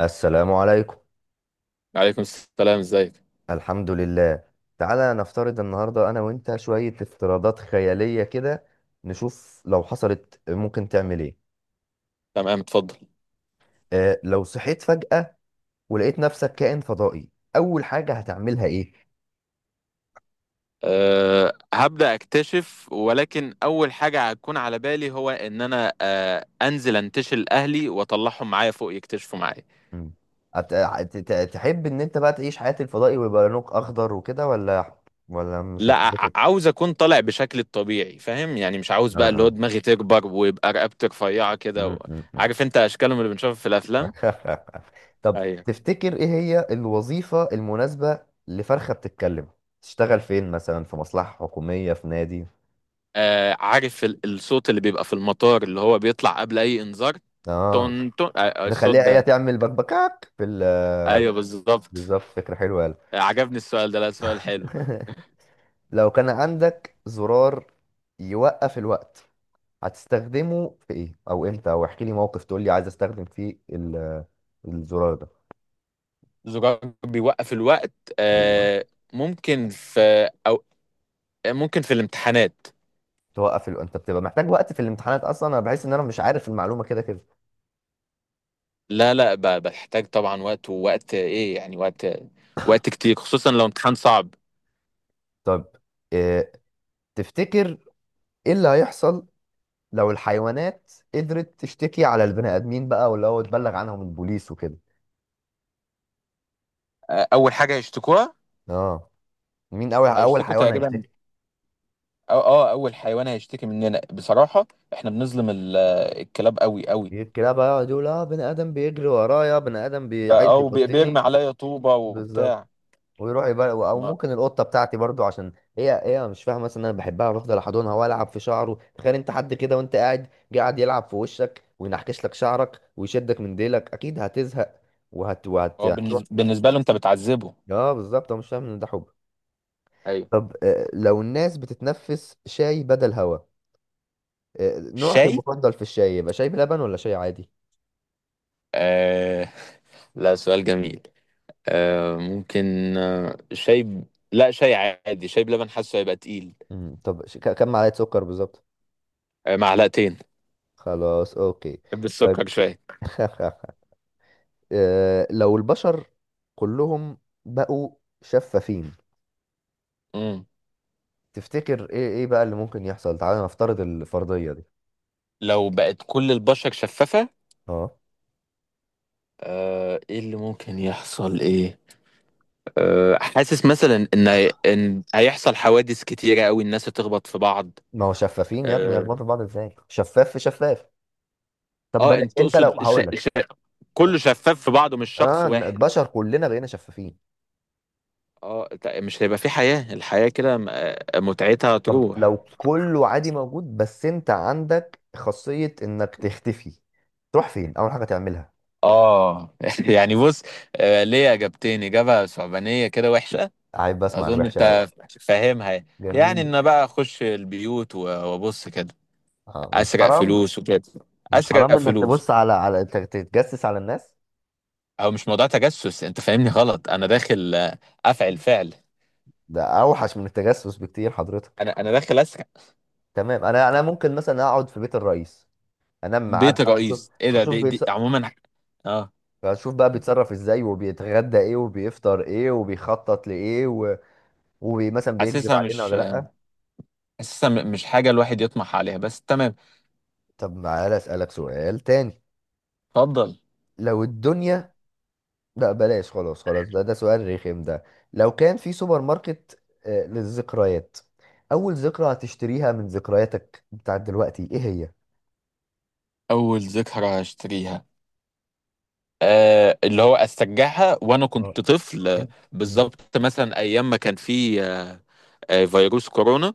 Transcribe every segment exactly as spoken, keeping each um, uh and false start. السلام عليكم. عليكم السلام، ازيك؟ الحمد لله. تعالى نفترض النهاردة أنا وأنت شوية افتراضات خيالية كده، نشوف لو حصلت ممكن تعمل إيه. تمام، اتفضل. اه، لو صحيت فجأة ولقيت نفسك كائن فضائي، أول حاجة هتعملها إيه؟ أه هبدأ أكتشف، ولكن أول حاجة هتكون على بالي هو إن أنا أه أنزل أنتشل أهلي وأطلعهم معايا فوق يكتشفوا معايا. مم. هت- هت- ت- تحب إن أنت بقى تعيش حياة الفضائي ويبقى لونك أخضر وكده، ولا ولا مش لا، هتحب ع- كده؟ عاوز أكون طالع بشكل الطبيعي، فاهم يعني؟ مش عاوز آه بقى اللي هو آه دماغي تكبر ويبقى رقبتي رفيعة كده و... مم، مم، مم. عارف أنت أشكالهم اللي بنشوفها في الأفلام. طب ايوه. تفتكر ايه هي الوظيفة المناسبة لفرخة بتتكلم؟ تشتغل فين مثلا، في مصلحة حكومية، في نادي؟ أه عارف ال- الصوت اللي بيبقى في المطار اللي هو بيطلع قبل أي إنذار؟ اه تون تون آه، آه، الصوت نخليها هي ده. تعمل بكبكاك في ال أيوه بالظبط. بالظبط، فكرة حلوة، يلا. آه، عجبني السؤال ده، لا سؤال حلو. لو كان عندك زرار يوقف الوقت، هتستخدمه في ايه او امتى؟ او احكي لي موقف تقول لي عايز استخدم فيه ال- الزرار ده. زجاج بيوقف الوقت. ايوه آه، ممكن في، أو آه، ممكن في الامتحانات. توقف ال... انت بتبقى محتاج وقت في الامتحانات اصلا؟ انا بحس ان انا مش عارف المعلومة كده كده. لا لا، ب- بحتاج طبعا وقت، ووقت ايه يعني؟ وقت وقت كتير، خصوصا لو امتحان صعب. طب، آه، تفتكر ايه اللي هيحصل لو الحيوانات قدرت تشتكي على البني ادمين بقى، واللي هو تبلغ عنهم البوليس وكده؟ آه، اول حاجه هيشتكوها، اه، مين اول اول هيشتكوا حيوان تقريبا، هيشتكي؟ أو اه اول حيوان هيشتكي مننا بصراحه احنا بنظلم ال- الكلاب قوي قوي. الكلاب بقى يقعد يقول اه بني ادم بيجري ورايا، بني ادم بي- عايز او بيرمي يعضني. عليا طوبه بالظبط. وبتاع. ويروح يبقى، او ما- ممكن القطه بتاعتي برضو، عشان هي هي مش فاهمه مثلا إن انا بحبها، بفضل احضنها والعب في شعره. تخيل انت حد كده، وانت قاعد جه قاعد يلعب في وشك وينحكش لك شعرك ويشدك من ديلك، اكيد هتزهق وهت وهت هو هتروح. بالنس- بالنسبه له انت بتعذبه. اه بالظبط، هو مش فاهم ان ده حب. ايوه. طب، آه، لو الناس بتتنفس شاي بدل هوا، آه، نوعك شاي. المفضل في الشاي يبقى شاي بلبن ولا شاي عادي؟ آه. لا سؤال جميل. آه ممكن آه شاي ب... لا شاي عادي، شاي بلبن حاسه هيبقى تقيل. مم. طب ش- ك- كم معلقة سكر بالظبط؟ آه معلقتين. خلاص، اوكي. طيب. بالسكر شوية. آه، لو البشر كلهم بقوا شفافين، مم. تفتكر ايه ايه بقى اللي ممكن يحصل؟ تعالى نفترض الفرضية دي. لو بقت كل البشر شفافة، اه، آه ايه اللي ممكن يحصل، ايه؟ آه حاسس مثلا ان هي- ان هيحصل حوادث كتيرة قوي، الناس هتخبط في بعض. ما هو شفافين يا ابني، اه، يخبطوا في بعض ازاي، شفاف في شفاف؟ طب آه بلاش، انت انت لو تقصد ش... هقول لك ش... كله شفاف في بعضه مش اه شخص واحد؟ البشر كلنا بقينا شفافين. اه ت- مش هيبقى في حياة، الحياة كده م- آه، متعتها طب تروح. لو كله عادي موجود، بس انت عندك خاصية انك تختفي، تروح فين، اول حاجة تعملها؟ اه. يعني بص، آه، ليه اجابتين، اجابه صعبانيه كده وحشه. عيب، بسمع اظن الوحشة الاول. انت فاهمها يعني. يعني جميل. ان بقى اخش البيوت و- وابص كده. اه، مش اسرق حرام؟ فلوس وكده. مش حرام اسرق انك فلوس. تبص على على ت- تتجسس على الناس؟ او مش موضوع تجسس، انت فاهمني غلط، انا داخل آه، افعل فعل. ده اوحش من التجسس بكتير حضرتك. انا انا داخل اسرق. تمام، انا انا ممكن مثلا اقعد في بيت الرئيس، انام معاه بيت بقى واشوف، الرئيس ايه ده، واشوف دي, دي بيتص... عموما. اه. اشوف بقى بيتصرف ازاي، وبيتغدى ايه، وبيفطر ايه، وبيخطط لايه، و... ومثلا بيكذب حاسسها علينا مش، ولا لا. حاسسها م- مش حاجه الواحد يطمح عليها، بس تمام. طب تعالى اسالك سؤال تاني. اتفضل. لو الدنيا، لا بلاش، خلاص خلاص، ده ده سؤال رخم ده. لو كان في سوبر ماركت آه، للذكريات، اول ذكرى هتشتريها من ذكرياتك بتاعت دلوقتي ايه هي؟ اول ذكرى هشتريها، آه اللي هو أسجعها وأنا آه، كنت طفل، آه، انت م- بالظبط مثلا أيام ما كان في آه آه فيروس كورونا.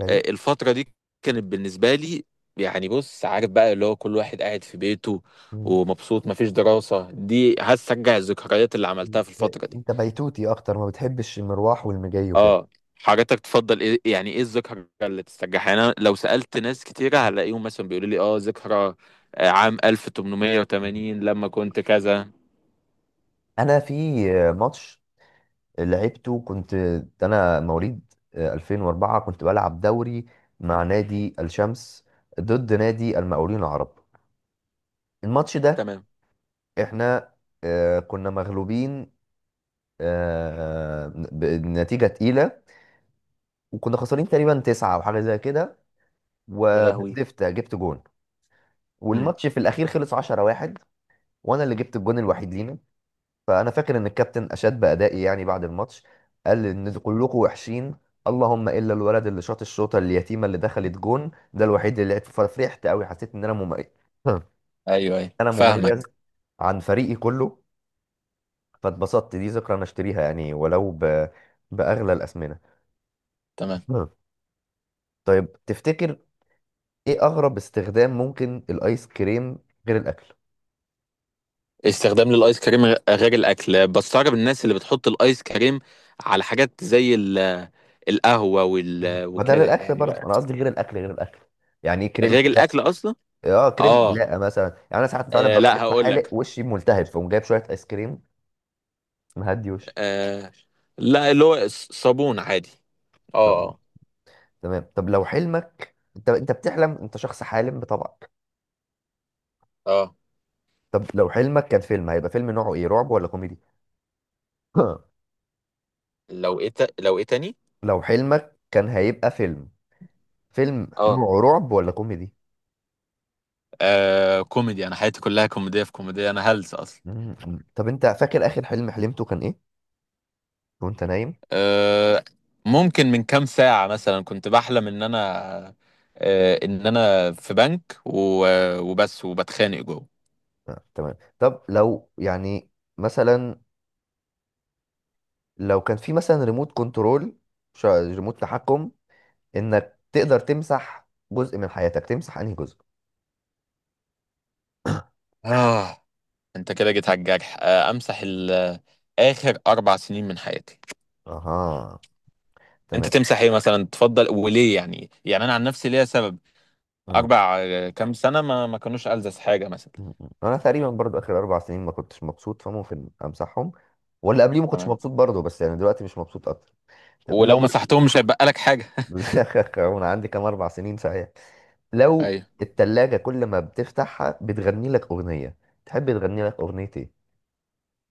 ايوه. آه الفترة دي كانت بالنسبة لي يعني بص، عارف بقى اللي هو كل واحد قاعد في بيته م- ومبسوط مفيش دراسة، دي هسجع الذكريات اللي م- عملتها في الفترة دي. انت بيتوتي اكتر، ما بتحبش المروح والمجاي وكده. اه. حضرتك تفضل ايه يعني؟ ايه الذكرى اللي تسترجعها؟ يعني انا لو سألت ناس كتيرة هلاقيهم مثلا بيقولوا لي اه ذكرى آه، عام ألف وثمانمائة لما كنت كذا. انا في آه، ماتش لعبته، كنت، ده انا مواليد آه، ألفين واربعة، كنت بلعب دوري مع نادي الشمس ضد نادي المقاولين العرب. الماتش ده تمام. احنا آه، كنا مغلوبين، آه، بنتيجة تقيلة. وكنا خسرانين تقريبا تسعة او حاجة زي كده، يا لهوي. وهدفت جبت جون. والماتش في الاخير خلص عشرة واحد، وانا اللي جبت الجون الوحيد لينا. فانا فاكر ان الكابتن اشاد بادائي يعني، بعد الماتش قال ان كلكم وحشين اللهم الا الولد اللي شاط الشوطه اليتيمه اللي دخلت جون، ده الوحيد اللي لعب. ففرحت قوي، حسيت ان انا مميز. ايوه ايوه انا مميز فاهمك. عن فريقي كله. فاتبسطت، دي ذكرى انا اشتريها يعني ولو ب... باغلى الاسمنه. تمام. آه. طيب تفتكر ايه اغرب استخدام ممكن الايس كريم غير الاكل؟ استخدام للايس كريم غ- غير الاكل، بستغرب الناس اللي بتحط الايس كريم على حاجات زي ال- القهوه آه. وال... ما ده وكده للاكل يعني برضه، بقى. انا قصدي غير الاكل غير الاكل. يعني كريم غير الاكل حلاقه. اصلا؟ اه كريم اه حلاقه مثلا، يعني انا ساعات فعلا آه، ببقى لا لسه هقول حالق لك. وشي ملتهب فاقوم جايب شويه ايس كريم مهدي وشي. آه. لا اللي هو ص- صابون عادي. اه طب اه. تمام. طب لو حلمك، انت انت بتحلم، انت شخص حالم بطبعك. اه. طب لو حلمك كان فيلم هيبقى فيلم نوعه ايه، رعب ولا كوميدي؟ لو ايه تا- لو ايه تاني؟ لو حلمك كان هيبقى فيلم، فيلم اه نوعه رعب ولا كوميدي؟ آه، كوميدي، انا حياتي كلها كوميديه في كوميديه، انا هلس اصلا. مم. طب انت فاكر اخر حلم حلمته كان ايه وانت نايم؟ أه ممكن من كام ساعة مثلا كنت بحلم ان انا أه ان انا في بنك و- وبس وبتخانق جوه. آه، تمام. طب لو يعني مثلا، لو كان في مثلا ريموت كنترول، ش- ريموت تحكم انك تقدر تمسح جزء من حياتك، تمسح انهي جزء؟ آه، انت كده جيت على الجرح، أه امسح ال- اخر اربع سنين من حياتي. اها، انت تمام. تمسح ايه مثلا تفضل وليه يعني؟ يعني انا عن نفسي ليا سبب. مم. اربع آه، كام سنة ما ما كانوش ألذذ حاجة مثلا. مم. انا تقريبا برضو اخر اربع سنين ما كنتش مبسوط، فممكن امسحهم. ولا قبليه ما كنتش تمام. مبسوط برضو، بس يعني دلوقتي مش مبسوط اكتر. ولو لو... مسحتهم مش هيبقى لك حاجة. انا عندي كام، اربع سنين صحيح. لو ايوه. التلاجة كل ما بتفتحها بتغني لك أغنية، تحب تغني لك أغنية إيه؟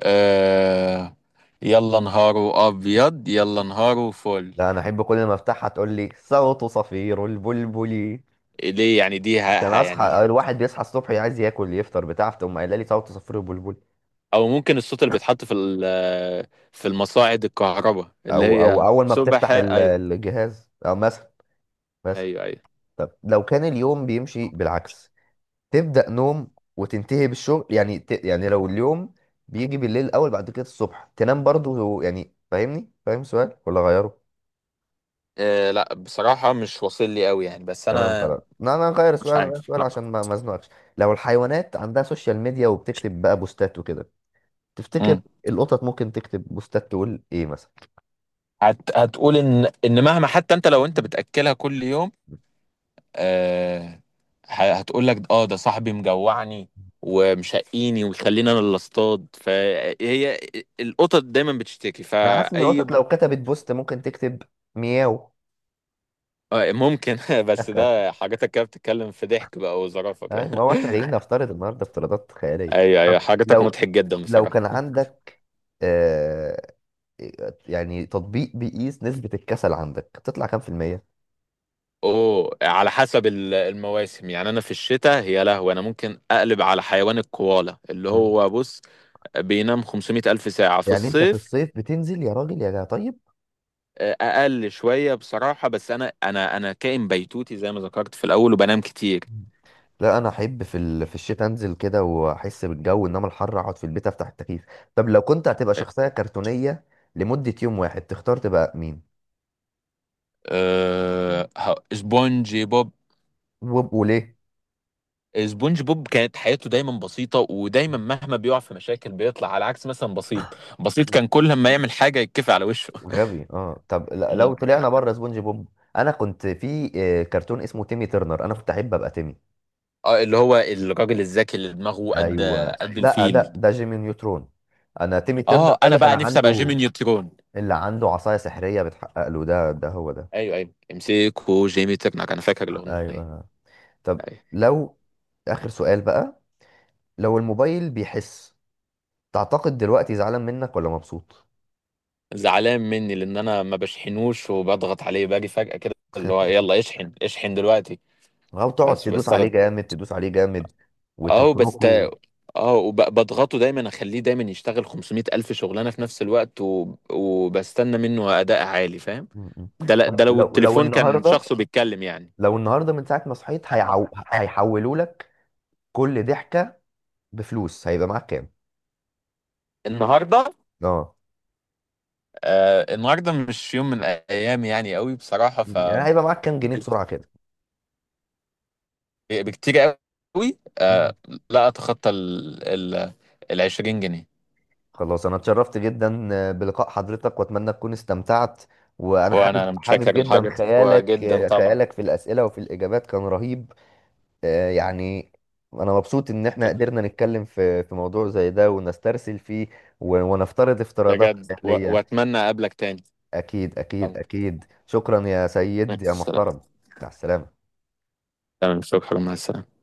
أه يلا نهاره ابيض، يلا نهاره فل. لا، أنا أحب كل ما أفتحها تقول لي صوت صفير البلبل. ليه يعني؟ دي حتى ها ها أنا يعني. أصحى، الواحد بيصحى الصبح عايز ياكل يفطر بتاع، فتقوم قايلة لي صوت صفير البلبل. او ممكن الصوت اللي بيتحط في ال- في المصاعد الكهرباء اللي أو أو هي أول ما سبح. بتفتح ال- ايوه. الجهاز، أو مثلا، مثلا. ايوه ايوه. طب لو كان اليوم بيمشي بالعكس، تبدأ نوم وتنتهي بالشغل، يعني ت... يعني لو اليوم بيجي بالليل الأول، بعد كده الصبح تنام برضو، يعني فاهمني؟ فاهم السؤال ولا غيره؟ إيه؟ لا بصراحة مش واصل لي قوي، يعني بس تمام انا خلاص، لا انا هغير مش السؤال، هغير عارف، السؤال لا. عشان ما ما ازنقكش. لو الحيوانات عندها سوشيال ميديا وبتكتب بقى بوستات وكده، تفتكر امم. القطط ممكن تكتب بوستات تقول ايه مثلا؟ هت... هتقول ان ان مهما حتى انت لو انت بتاكلها كل يوم، آه... ه- هتقول لك اه ده صاحبي مجوعني ومشقيني ويخليني انا اللي اصطاد، فهي القطط دايما بتشتكي انا حاسس ان فاي. القطط لو كتبت بوست ممكن تكتب مياو. آه، ممكن. بس ده حاجاتك كده بتتكلم في ضحك بقى وظرافة أي، كده. ما هو احنا جايين نفترض النهارده افتراضات خياليه. ايوه طب ايوه، حاجاتك لو، مضحك جدا لو بصراحة. كان عندك آه يعني تطبيق بيقيس نسبه الكسل عندك، تطلع كام في المية؟ اوه، على حسب ال- المواسم، يعني انا في الشتاء يا لهوي انا ممكن اقلب على حيوان الكوالا اللي مم. هو بص بينام خمسمائة الف ساعة في يعني انت في الصيف. الصيف بتنزل يا راجل يا طيب. آه، اقل شوية بصراحة، بس انا انا انا كائن بيتوتي زي ما ذكرت في الاول وبنام كتير. مم. لا انا احب في ال... في الشتاء انزل كده واحس بالجو، انما الحر اقعد في البيت افتح التكييف. طب لو كنت هتبقى شخصية كرتونية لمدة يوم واحد، تختار تبقى مين أه ه- سبونجي بوب. وب- وليه؟ سبونج بوب كانت حياته دايما بسيطة، ودايما مهما بيقع في مشاكل بيطلع، على عكس مثلا بسيط، بسيط مم. كان كل ما يعمل حاجة يتكفي على وشه. غبي، اه. طب ل- لو مم. طلعنا بره سبونج بوب، انا كنت في آه، كرتون اسمه تيمي ترنر، انا كنت احب ابقى تيمي. اه اللي هو الراجل الذكي اللي دماغه قد، ايوه، قد لا الفيل. ده ده جيمي نيوترون، انا تيمي ترنر اه ده انا اللي كان بقى نفسي ابقى جيمي عنده، نيوترون. اللي عنده عصاية سحرية بتحقق له، ده ده هو ده. ايوه ايوه امسكه جيمي ترنك، انا فاكر الاغنية. ايوه. طب أيوة. لو، اخر سؤال بقى، لو الموبايل بيحس، تعتقد دلوقتي زعلان منك ولا مبسوط؟ زعلان مني لان انا ما بشحنوش وبضغط عليه، باجي فجأة كده اللي هو يلا اشحن اشحن دلوقتي. او تقعد بس تدوس عليه بستخدم، جامد، تدوس عليه جامد، اه بس وتفركه. تا- اه وبضغطه دايما، اخليه دايما يشتغل خمسمائة الف شغلانه في نفس الوقت و... وبستنى منه اداء عالي، فاهم؟ م- م. ده ل... ده طب لو لو، لو التليفون كان النهارده، شخصه بيتكلم يعني. لو النهارده من ساعه ما صحيت هيعو... هيحولوا لك كل ضحكه بفلوس، هيبقى معاك كام؟ النهارده؟ اه، آه النهارده مش يوم من الايام يعني قوي بصراحه، ف يعني هيبقى معاك كام جنيه بسرعه كده. بكتير قوي م. آه. لا، اتخطى ال ال ال عشرين جنيه. خلاص انا اتشرفت جدا آه، بلقاء حضرتك، واتمنى تكون استمتعت. وانا وانا حابب انا حابب متشكر جدا لحاجتك خيالك، وجدا آه، طبعا. خيالك في الاسئله وفي الاجابات كان رهيب. آه، يعني انا مبسوط ان احنا شكرا قدرنا نتكلم في في موضوع زي ده ونسترسل فيه، و- ونفترض افتراضات بجد، و- خيالية. واتمنى اقابلك تاني. اكيد اكيد طبعا. اكيد، شكرا يا مع سيد يا السلامة. محترم. مع السلامة. تعمل فوق حاجة مع السقف.